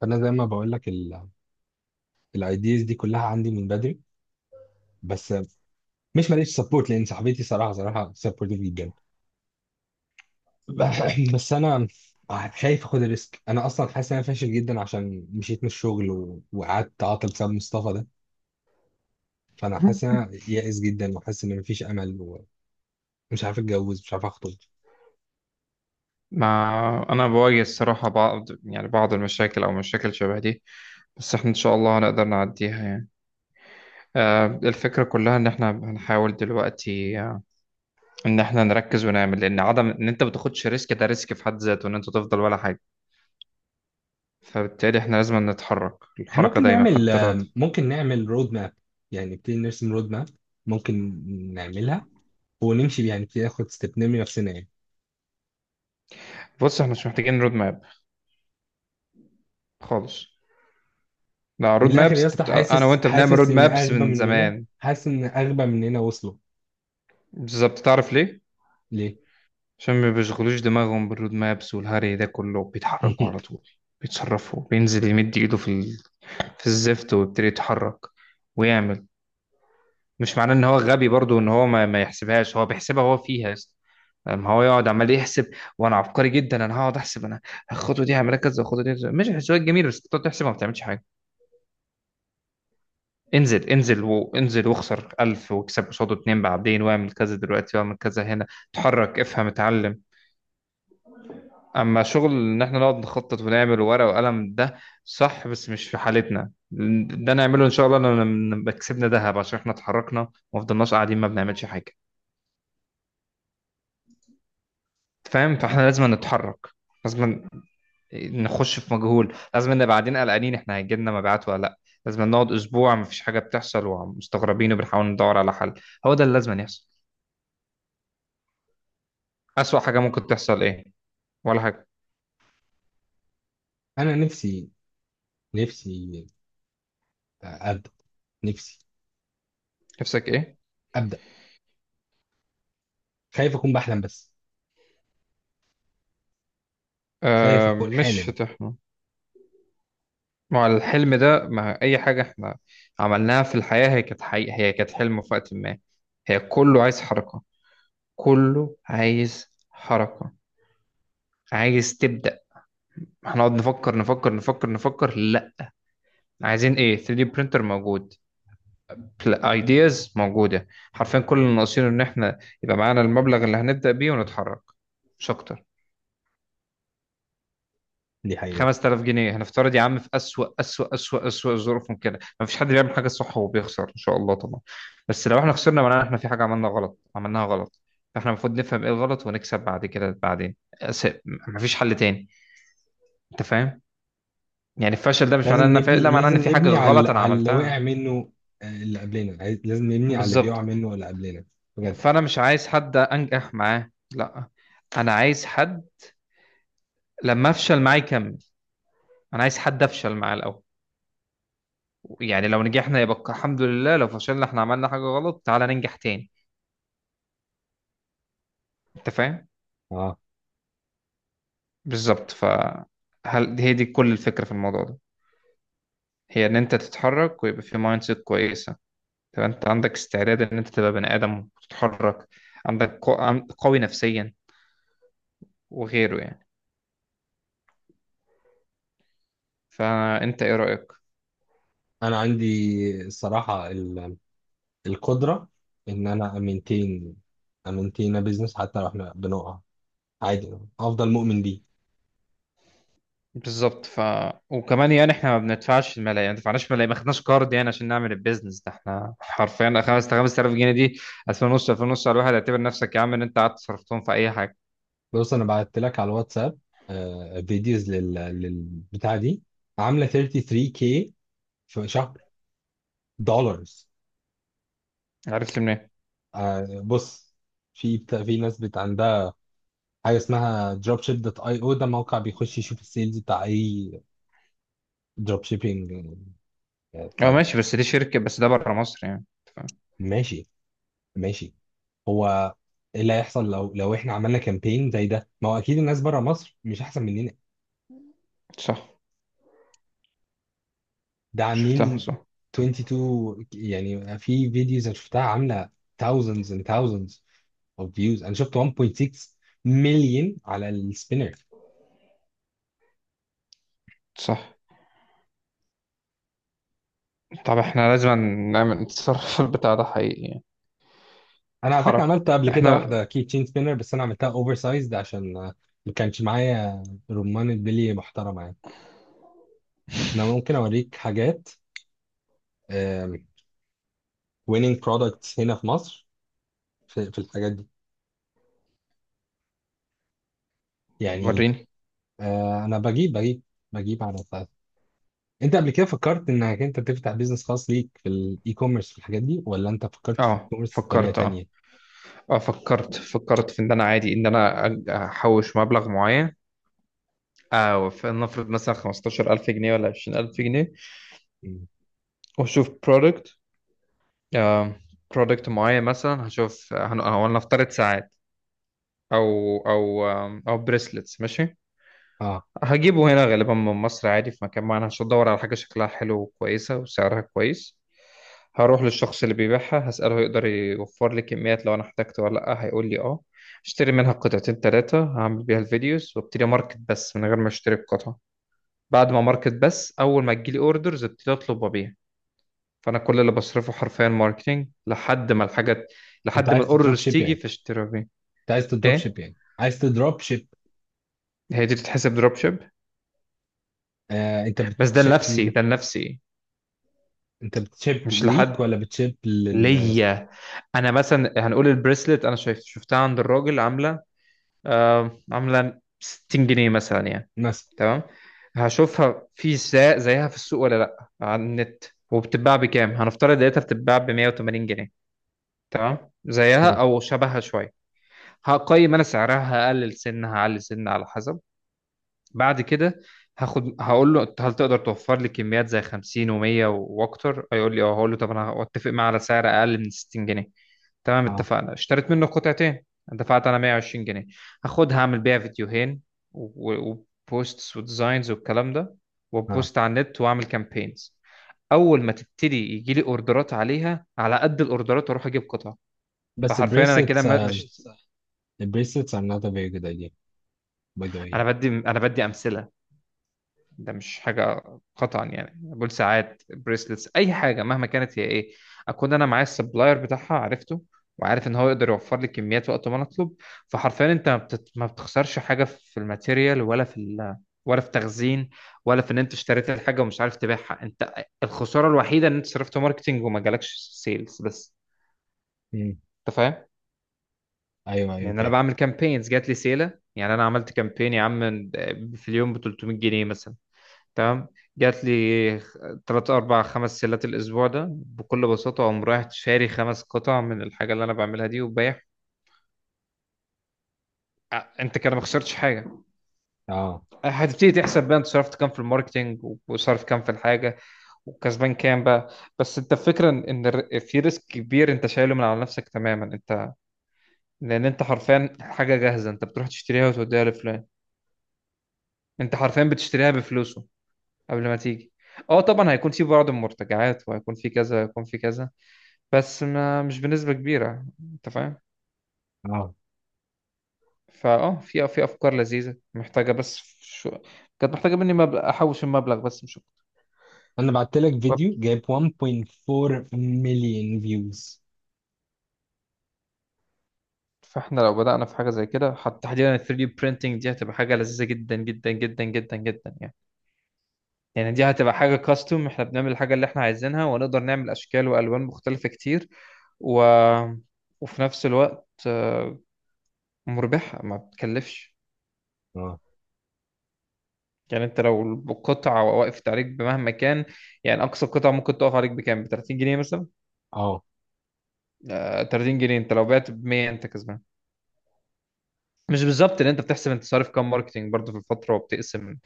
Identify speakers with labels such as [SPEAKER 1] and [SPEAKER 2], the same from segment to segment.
[SPEAKER 1] فانا زي ما بقول لك الايديز دي كلها عندي من بدري، بس مش ماليش سبورت لان صاحبتي صراحه سبورتيف جدا. بس انا خايف اخد الريسك. انا اصلا حاسس ان انا فاشل جدا عشان مشيت من الشغل وقعدت عاطل بسبب مصطفى ده. فانا حاسس ان انا يائس جدا وحاسس ان مفيش امل ومش عارف اتجوز، مش عارف اخطب.
[SPEAKER 2] ما أنا بواجه الصراحة بعض المشاكل أو مشاكل شبه دي، بس إحنا إن شاء الله هنقدر نعديها يعني. الفكرة كلها إن إحنا هنحاول دلوقتي، إن إحنا نركز ونعمل، لأن عدم إن أنت ما تاخدش ريسك ده ريسك في حد ذاته، إن أنت تفضل ولا حاجة. فبالتالي إحنا لازم نتحرك
[SPEAKER 1] إحنا
[SPEAKER 2] الحركة
[SPEAKER 1] ممكن
[SPEAKER 2] دايما
[SPEAKER 1] نعمل،
[SPEAKER 2] حتى لو...
[SPEAKER 1] ممكن نعمل رود ماب، يعني نبتدي نرسم رود ماب، ممكن نعملها ونمشي بيها، يعني نبتدي ناخد ستيب نرمي نفسنا يعني.
[SPEAKER 2] بص، إحنا مش محتاجين رود ماب خالص. لا،
[SPEAKER 1] من
[SPEAKER 2] رود
[SPEAKER 1] الاخر يا
[SPEAKER 2] مابس
[SPEAKER 1] اسطى،
[SPEAKER 2] أنا
[SPEAKER 1] حاسس
[SPEAKER 2] وأنت بنعمل رود
[SPEAKER 1] حاسس ان
[SPEAKER 2] مابس
[SPEAKER 1] اغبى
[SPEAKER 2] من
[SPEAKER 1] مننا،
[SPEAKER 2] زمان.
[SPEAKER 1] حاسس ان اغبى مننا وصلوا.
[SPEAKER 2] بالظبط، تعرف ليه؟
[SPEAKER 1] ليه؟
[SPEAKER 2] عشان ما بيشغلوش دماغهم بالرود مابس والهري ده كله، بيتحركوا على طول، بيتصرفوا، بينزل يمد ايده في الزفت ويبتدي يتحرك ويعمل. مش معناه ان هو غبي برضو ان هو ما يحسبهاش، هو بيحسبها، هو فيها يا اسطى. لما هو يقعد عمال يحسب، وانا عبقري جدا انا هقعد احسب انا، الخطوه دي هعملها كذا، الخطوه دي كذا. ماشي، الحسابات جميله، بس تقعد تحسبها ما بتعملش حاجه. انزل انزل وانزل، واخسر 1000 واكسب قصاده اتنين بعدين، واعمل كذا دلوقتي واعمل كذا هنا. اتحرك، افهم، اتعلم. اما شغل ان احنا نقعد نخطط ونعمل ورقه وقلم، ده صح بس مش في حالتنا. ده نعمله ان شاء الله لما نبقى كسبنا ذهب، عشان احنا اتحركنا وما فضلناش قاعدين ما بنعملش حاجه. فاهم؟ فاحنا لازم نتحرك، لازم نخش في مجهول، لازم نبقى قاعدين قلقانين احنا هيجي لنا مبيعات ولا لا، لازم نقعد اسبوع ما فيش حاجه بتحصل ومستغربين، وبنحاول ندور على حل. هو ده اللي لازم يحصل. اسوأ حاجه ممكن تحصل ايه؟ ولا حاجه.
[SPEAKER 1] انا نفسي، نفسي ابدا، نفسي
[SPEAKER 2] نفسك ايه؟
[SPEAKER 1] ابدا. خايف اكون بحلم بس، خايف
[SPEAKER 2] آه،
[SPEAKER 1] اكون
[SPEAKER 2] مش
[SPEAKER 1] حالم.
[SPEAKER 2] هتحصل. ما هو الحلم ده، ما أي حاجة إحنا عملناها في الحياة هي كانت حقيقة، هي كانت حلم في وقت ما. هي كله عايز حركة، كله عايز حركة. عايز تبدأ. هنقعد نفكر نفكر نفكر نفكر؟ لا. عايزين إيه؟ 3D printer موجود، ideas موجودة. حرفيا كل اللي ناقصينه إن إحنا يبقى معانا المبلغ اللي هنبدأ بيه ونتحرك، مش أكتر.
[SPEAKER 1] دي حقيقة.
[SPEAKER 2] 5000 جنيه هنفترض يا عم، في أسوأ أسوأ أسوأ أسوأ ظروف ممكنة، ما فيش حد بيعمل حاجة صح وبيخسر إن شاء الله طبعا. بس لو احنا خسرنا معناها احنا في حاجة عملنا غلط، عملناها غلط. فاحنا المفروض نفهم ايه الغلط ونكسب بعد كده، بعدين ما فيش حل تاني. انت فاهم؟ يعني الفشل ده مش
[SPEAKER 1] لازم
[SPEAKER 2] معناه ان انا
[SPEAKER 1] نبني،
[SPEAKER 2] لا، معناه
[SPEAKER 1] لازم
[SPEAKER 2] ان في حاجة
[SPEAKER 1] نبني على
[SPEAKER 2] غلط انا
[SPEAKER 1] اللي
[SPEAKER 2] عملتها.
[SPEAKER 1] وقع منه. اللي قبلنا لازم نبني على اللي بيقع
[SPEAKER 2] بالظبط.
[SPEAKER 1] منه اللي قبلنا. بجد.
[SPEAKER 2] فانا مش عايز حد انجح معاه، لا، انا عايز حد لما افشل معاه يكمل، انا عايز حد افشل معاه الاول. يعني لو نجحنا يبقى الحمد لله، لو فشلنا احنا عملنا حاجة غلط، تعالى ننجح تاني. انت فاهم؟
[SPEAKER 1] اه،
[SPEAKER 2] بالظبط. فهل هي دي كل الفكرة في الموضوع ده؟ هي ان انت تتحرك، ويبقى في مايند سيت كويسة، تبقى انت عندك استعداد ان انت تبقى بني ادم وتتحرك، عندك قوي نفسيا وغيره يعني. فانت ايه رأيك؟
[SPEAKER 1] انا عندي، الصراحة القدرة ان انا امنتين، امنتين بيزنس. حتى لو احنا بنقع عادي افضل مؤمن بيه.
[SPEAKER 2] بالظبط. وكمان يعني احنا ما بندفعش الملايين، يعني ما دفعناش ملايين، ما خدناش كارد يعني عشان نعمل البيزنس ده. احنا حرفيا 5000 5000 جنيه دي، 2000 ونص 2000 ونص على الواحد، اعتبر نفسك يا عم ان انت قعدت صرفتهم في اي حاجه.
[SPEAKER 1] بص، انا بعت لك على الواتساب فيديوز للبتاع دي، عامله 33K في شهر، دولارز.
[SPEAKER 2] عرفت منين؟
[SPEAKER 1] بص، في في ناس بت عندها حاجه اسمها دروب شيب دوت اي او. ده موقع بيخش يشوف السيلز بتاع اي دروب شيبينج
[SPEAKER 2] اه
[SPEAKER 1] بتاع ده.
[SPEAKER 2] ماشي، بس دي شركه، بس ده بره مصر يعني، أنت فاهم؟
[SPEAKER 1] ماشي، ماشي. هو ايه اللي هيحصل لو احنا عملنا كامبين زي ده؟ ما هو اكيد الناس بره مصر مش احسن مننا.
[SPEAKER 2] صح،
[SPEAKER 1] ده
[SPEAKER 2] شفتها.
[SPEAKER 1] عاملين
[SPEAKER 2] صح،
[SPEAKER 1] 22، يعني في فيديوز انا شفتها عامله thousands and thousands of views. انا شفت 1.6 مليون على السبينر.
[SPEAKER 2] صح. طب احنا لازم نعمل، نتصرف في البتاع ده حقيقي يعني.
[SPEAKER 1] انا على فكره
[SPEAKER 2] الحركه
[SPEAKER 1] عملت قبل كده
[SPEAKER 2] احنا.
[SPEAKER 1] واحده كي تشين سبينر، بس انا عملتها اوفر سايزد عشان ما كانش معايا رمان بلي محترمه يعني. انا ممكن اوريك حاجات ويننج برودكتس هنا في مصر في، في الحاجات دي يعني.
[SPEAKER 2] وريني.
[SPEAKER 1] انا بجيب بجيب على، انت قبل كده فكرت انك انت تفتح بيزنس خاص ليك في الاي كوميرس في الحاجات دي، ولا انت فكرت في الاي
[SPEAKER 2] اه
[SPEAKER 1] كوميرس بطريقه
[SPEAKER 2] فكرت، اه،
[SPEAKER 1] تانية؟
[SPEAKER 2] اه فكرت. فكرت في ان انا عادي ان انا احوش مبلغ معين. اه، فلنفرض مثلا 15000 جنيه ولا 20000 جنيه،
[SPEAKER 1] مم.
[SPEAKER 2] واشوف برودكت، برودكت معين. مثلا هشوف هو نفترض ساعات، او او او بريسلتس، ماشي.
[SPEAKER 1] اه.
[SPEAKER 2] هجيبه هنا غالبا من مصر عادي، في مكان معين هشوف، ادور على حاجه شكلها حلو وكويسه وسعرها كويس. هروح للشخص اللي بيبيعها هسأله يقدر يوفر لي كميات لو انا احتجت ولا لا، هيقول لي اه، اشتري منها قطعتين ثلاثة، هعمل بيها الفيديوز وابتدي ماركت، بس من غير ما اشتري القطع. بعد ما ماركت بس، اول ما تجيلي اوردرز ابتدي اطلب وابيع. فانا كل اللي بصرفه حرفيا ماركتينج لحد ما الحاجات،
[SPEAKER 1] انت
[SPEAKER 2] لحد ما
[SPEAKER 1] عايز تدروب
[SPEAKER 2] الاوردرز
[SPEAKER 1] شيب
[SPEAKER 2] تيجي،
[SPEAKER 1] يعني،
[SPEAKER 2] فاشتري وابيع.
[SPEAKER 1] انت عايز تدروب
[SPEAKER 2] ايه،
[SPEAKER 1] شيب يعني، عايز تدروب شيب.
[SPEAKER 2] هي دي تتحسب دروب شيب.
[SPEAKER 1] آه، انت
[SPEAKER 2] بس ده
[SPEAKER 1] بتشيب
[SPEAKER 2] لنفسي،
[SPEAKER 1] ل...
[SPEAKER 2] ده لنفسي،
[SPEAKER 1] انت بتشيب
[SPEAKER 2] مش
[SPEAKER 1] ليك
[SPEAKER 2] لحد،
[SPEAKER 1] ولا بتشيب لل؟
[SPEAKER 2] ليا. انا مثلا هنقول البريسلت، انا شايف شفتها عند الراجل عامله، عامله 60 جنيه مثلا يعني.
[SPEAKER 1] مثلا.
[SPEAKER 2] تمام. هشوفها زيها في السوق ولا لا، على النت. وبتتباع بكام؟ هنفترض لقيتها بتتباع ب 180 جنيه، تمام، زيها
[SPEAKER 1] مم.
[SPEAKER 2] او شبهها شويه. هقيم انا سعرها، هقلل سن هعلي سن على حسب. بعد كده هاخد، هقول له هل تقدر توفر لي كميات زي 50 و100 واكتر، هيقول لي اه، هقول له طب انا اتفق معاه على سعر اقل من 60 جنيه. تمام،
[SPEAKER 1] اه.
[SPEAKER 2] اتفقنا. اشتريت منه قطعتين، دفعت انا 120 جنيه، هاخدها اعمل بيها فيديوهين و- وبوستس وديزاينز والكلام ده،
[SPEAKER 1] اه.
[SPEAKER 2] وبوست على النت واعمل كامبينز. اول ما تبتدي يجي لي اوردرات عليها، على قد الاوردرات اروح اجيب قطع.
[SPEAKER 1] بس
[SPEAKER 2] فحرفيا انا كده بس.
[SPEAKER 1] البريسلتس،
[SPEAKER 2] ماشي مش بس،
[SPEAKER 1] البريسلتس are not a very good idea by the way
[SPEAKER 2] انا
[SPEAKER 1] يعني.
[SPEAKER 2] بدي انا بدي امثله، ده مش حاجه قطعا يعني. بول ساعات بريسلتس اي حاجه مهما كانت هي ايه، اكون انا معايا السبلاير بتاعها عرفته، وعارف ان هو يقدر يوفر لي كميات وقت ما انا اطلب. فحرفيا انت ما بتخسرش حاجه في الماتيريال، ولا ولا في تخزين، ولا في ان انت اشتريت الحاجه ومش عارف تبيعها انت. الخساره الوحيده ان انت صرفت ماركتينج وما جالكش سيلز بس.
[SPEAKER 1] مم.
[SPEAKER 2] انت فاهم؟
[SPEAKER 1] ايوه ايوه
[SPEAKER 2] لان انا
[SPEAKER 1] فاهم.
[SPEAKER 2] بعمل كامبينز جات لي سيله، يعني انا عملت كامبين يا عم في اليوم ب 300 جنيه مثلا، تمام، جات لي 3 4 5 سيلات الاسبوع ده، بكل بساطه اقوم رايح شاري خمس قطع من الحاجه اللي انا بعملها دي وبايع. انت كده ما خسرتش حاجه.
[SPEAKER 1] اه.
[SPEAKER 2] هتبتدي تحسب بقى، انت صرفت كام في الماركتينج وصرف كام في الحاجه وكسبان كام بقى. بس انت الفكره ان في ريسك كبير انت شايله من على نفسك تماما انت، لان انت حرفيا حاجه جاهزه، انت بتروح تشتريها وتوديها لفلان، انت حرفيا بتشتريها بفلوسه قبل ما تيجي. اه طبعا هيكون في بعض المرتجعات، وهيكون في كذا، هيكون في كذا، بس ما مش بنسبة كبيرة. انت فاهم؟
[SPEAKER 1] اه.
[SPEAKER 2] في افكار لذيذة محتاجة بس كانت محتاجة مني مبلغ احوش المبلغ بس مش
[SPEAKER 1] انا بعت لك فيديو
[SPEAKER 2] أكتر.
[SPEAKER 1] جايب 1.4 مليون فيوز.
[SPEAKER 2] فاحنا لو بدأنا في حاجة زي كده، حتى تحديدا ال 3D printing دي، هتبقى حاجة لذيذة جدا جدا جدا جدا جدا يعني. يعني دي هتبقى حاجة كاستوم، احنا بنعمل الحاجة اللي احنا عايزينها ونقدر نعمل اشكال والوان مختلفة كتير، و... وفي نفس الوقت مربحة ما بتكلفش.
[SPEAKER 1] اه.
[SPEAKER 2] يعني انت لو القطعة وقفت عليك بمهما كان، يعني اقصى قطعة ممكن تقف عليك بكام؟ ب 30 جنيه مثلا.
[SPEAKER 1] اه.
[SPEAKER 2] 30 جنيه انت لو بعت ب 100 انت كسبان. مش بالظبط، لان انت بتحسب انت صارف كام ماركتينج برضه في الفترة، وبتقسم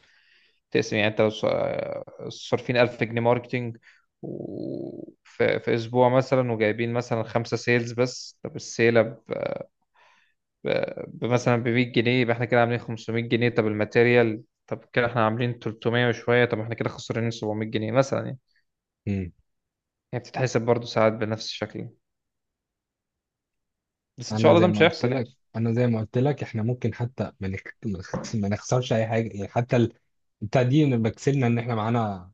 [SPEAKER 2] تقسم. يعني انت لو صارفين 1000 جنيه ماركتينج في اسبوع مثلا، وجايبين مثلا خمسة سيلز بس، طب السيلة مثلا ب 100 جنيه، يبقى احنا كده عاملين 500 جنيه، طب الماتيريال، طب كده احنا عاملين 300 وشوية، طب احنا كده خسرانين 700 جنيه مثلا يعني. هي بتتحسب برضه ساعات بنفس الشكل يعني. بس ان شاء
[SPEAKER 1] انا
[SPEAKER 2] الله ده
[SPEAKER 1] زي ما
[SPEAKER 2] مش
[SPEAKER 1] قلت
[SPEAKER 2] هيحصل يعني.
[SPEAKER 1] لك، انا زي ما قلت لك احنا ممكن حتى ما نخسرش اي حاجه يعني، حتى بتاع دي نبقى كسبنا ان احنا معانا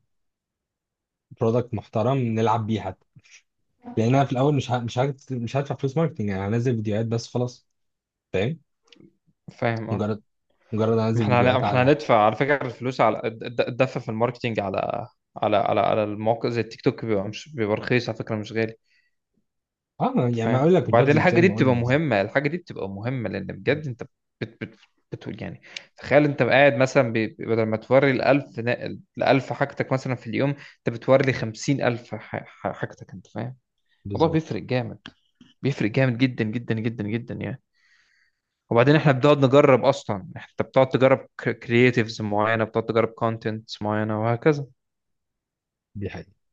[SPEAKER 1] برودكت محترم نلعب بيه حتى. لان انا في الاول مش هدفع فلوس ماركتنج يعني، هنزل فيديوهات بس خلاص. فاهم؟
[SPEAKER 2] فاهم، اه.
[SPEAKER 1] مجرد، مجرد
[SPEAKER 2] ما
[SPEAKER 1] انزل
[SPEAKER 2] احنا هن- ما
[SPEAKER 1] فيديوهات
[SPEAKER 2] احنا
[SPEAKER 1] على.
[SPEAKER 2] هندفع على فكره الفلوس على الدفع في الماركتينج، على على المواقع زي التيك توك، بيبقى مش بيبقى رخيص على فكره، مش غالي.
[SPEAKER 1] اه
[SPEAKER 2] انت
[SPEAKER 1] يعني ما
[SPEAKER 2] فاهم؟
[SPEAKER 1] اقول لك
[SPEAKER 2] وبعدين
[SPEAKER 1] البادجت زي
[SPEAKER 2] الحاجه دي
[SPEAKER 1] ما
[SPEAKER 2] بتبقى
[SPEAKER 1] قلنا بالظبط.
[SPEAKER 2] مهمه، الحاجه دي بتبقى مهمه لان بجد انت بت بت بتقول يعني. تخيل انت قاعد مثلا بدل ما توري ال 1000 ال 1000 حاجتك مثلا في اليوم، انت بتوري لي 50000 حاجتك. انت فاهم؟ الموضوع
[SPEAKER 1] بالظبط.
[SPEAKER 2] بيفرق جامد، بيفرق جامد جدا جدا جدا جدا يعني. وبعدين احنا بنقعد نجرب اصلا، انت بتقعد تجرب كرييتيفز معينه، بتقعد تجرب كونتنت معينه وهكذا.
[SPEAKER 1] دي حقيقة.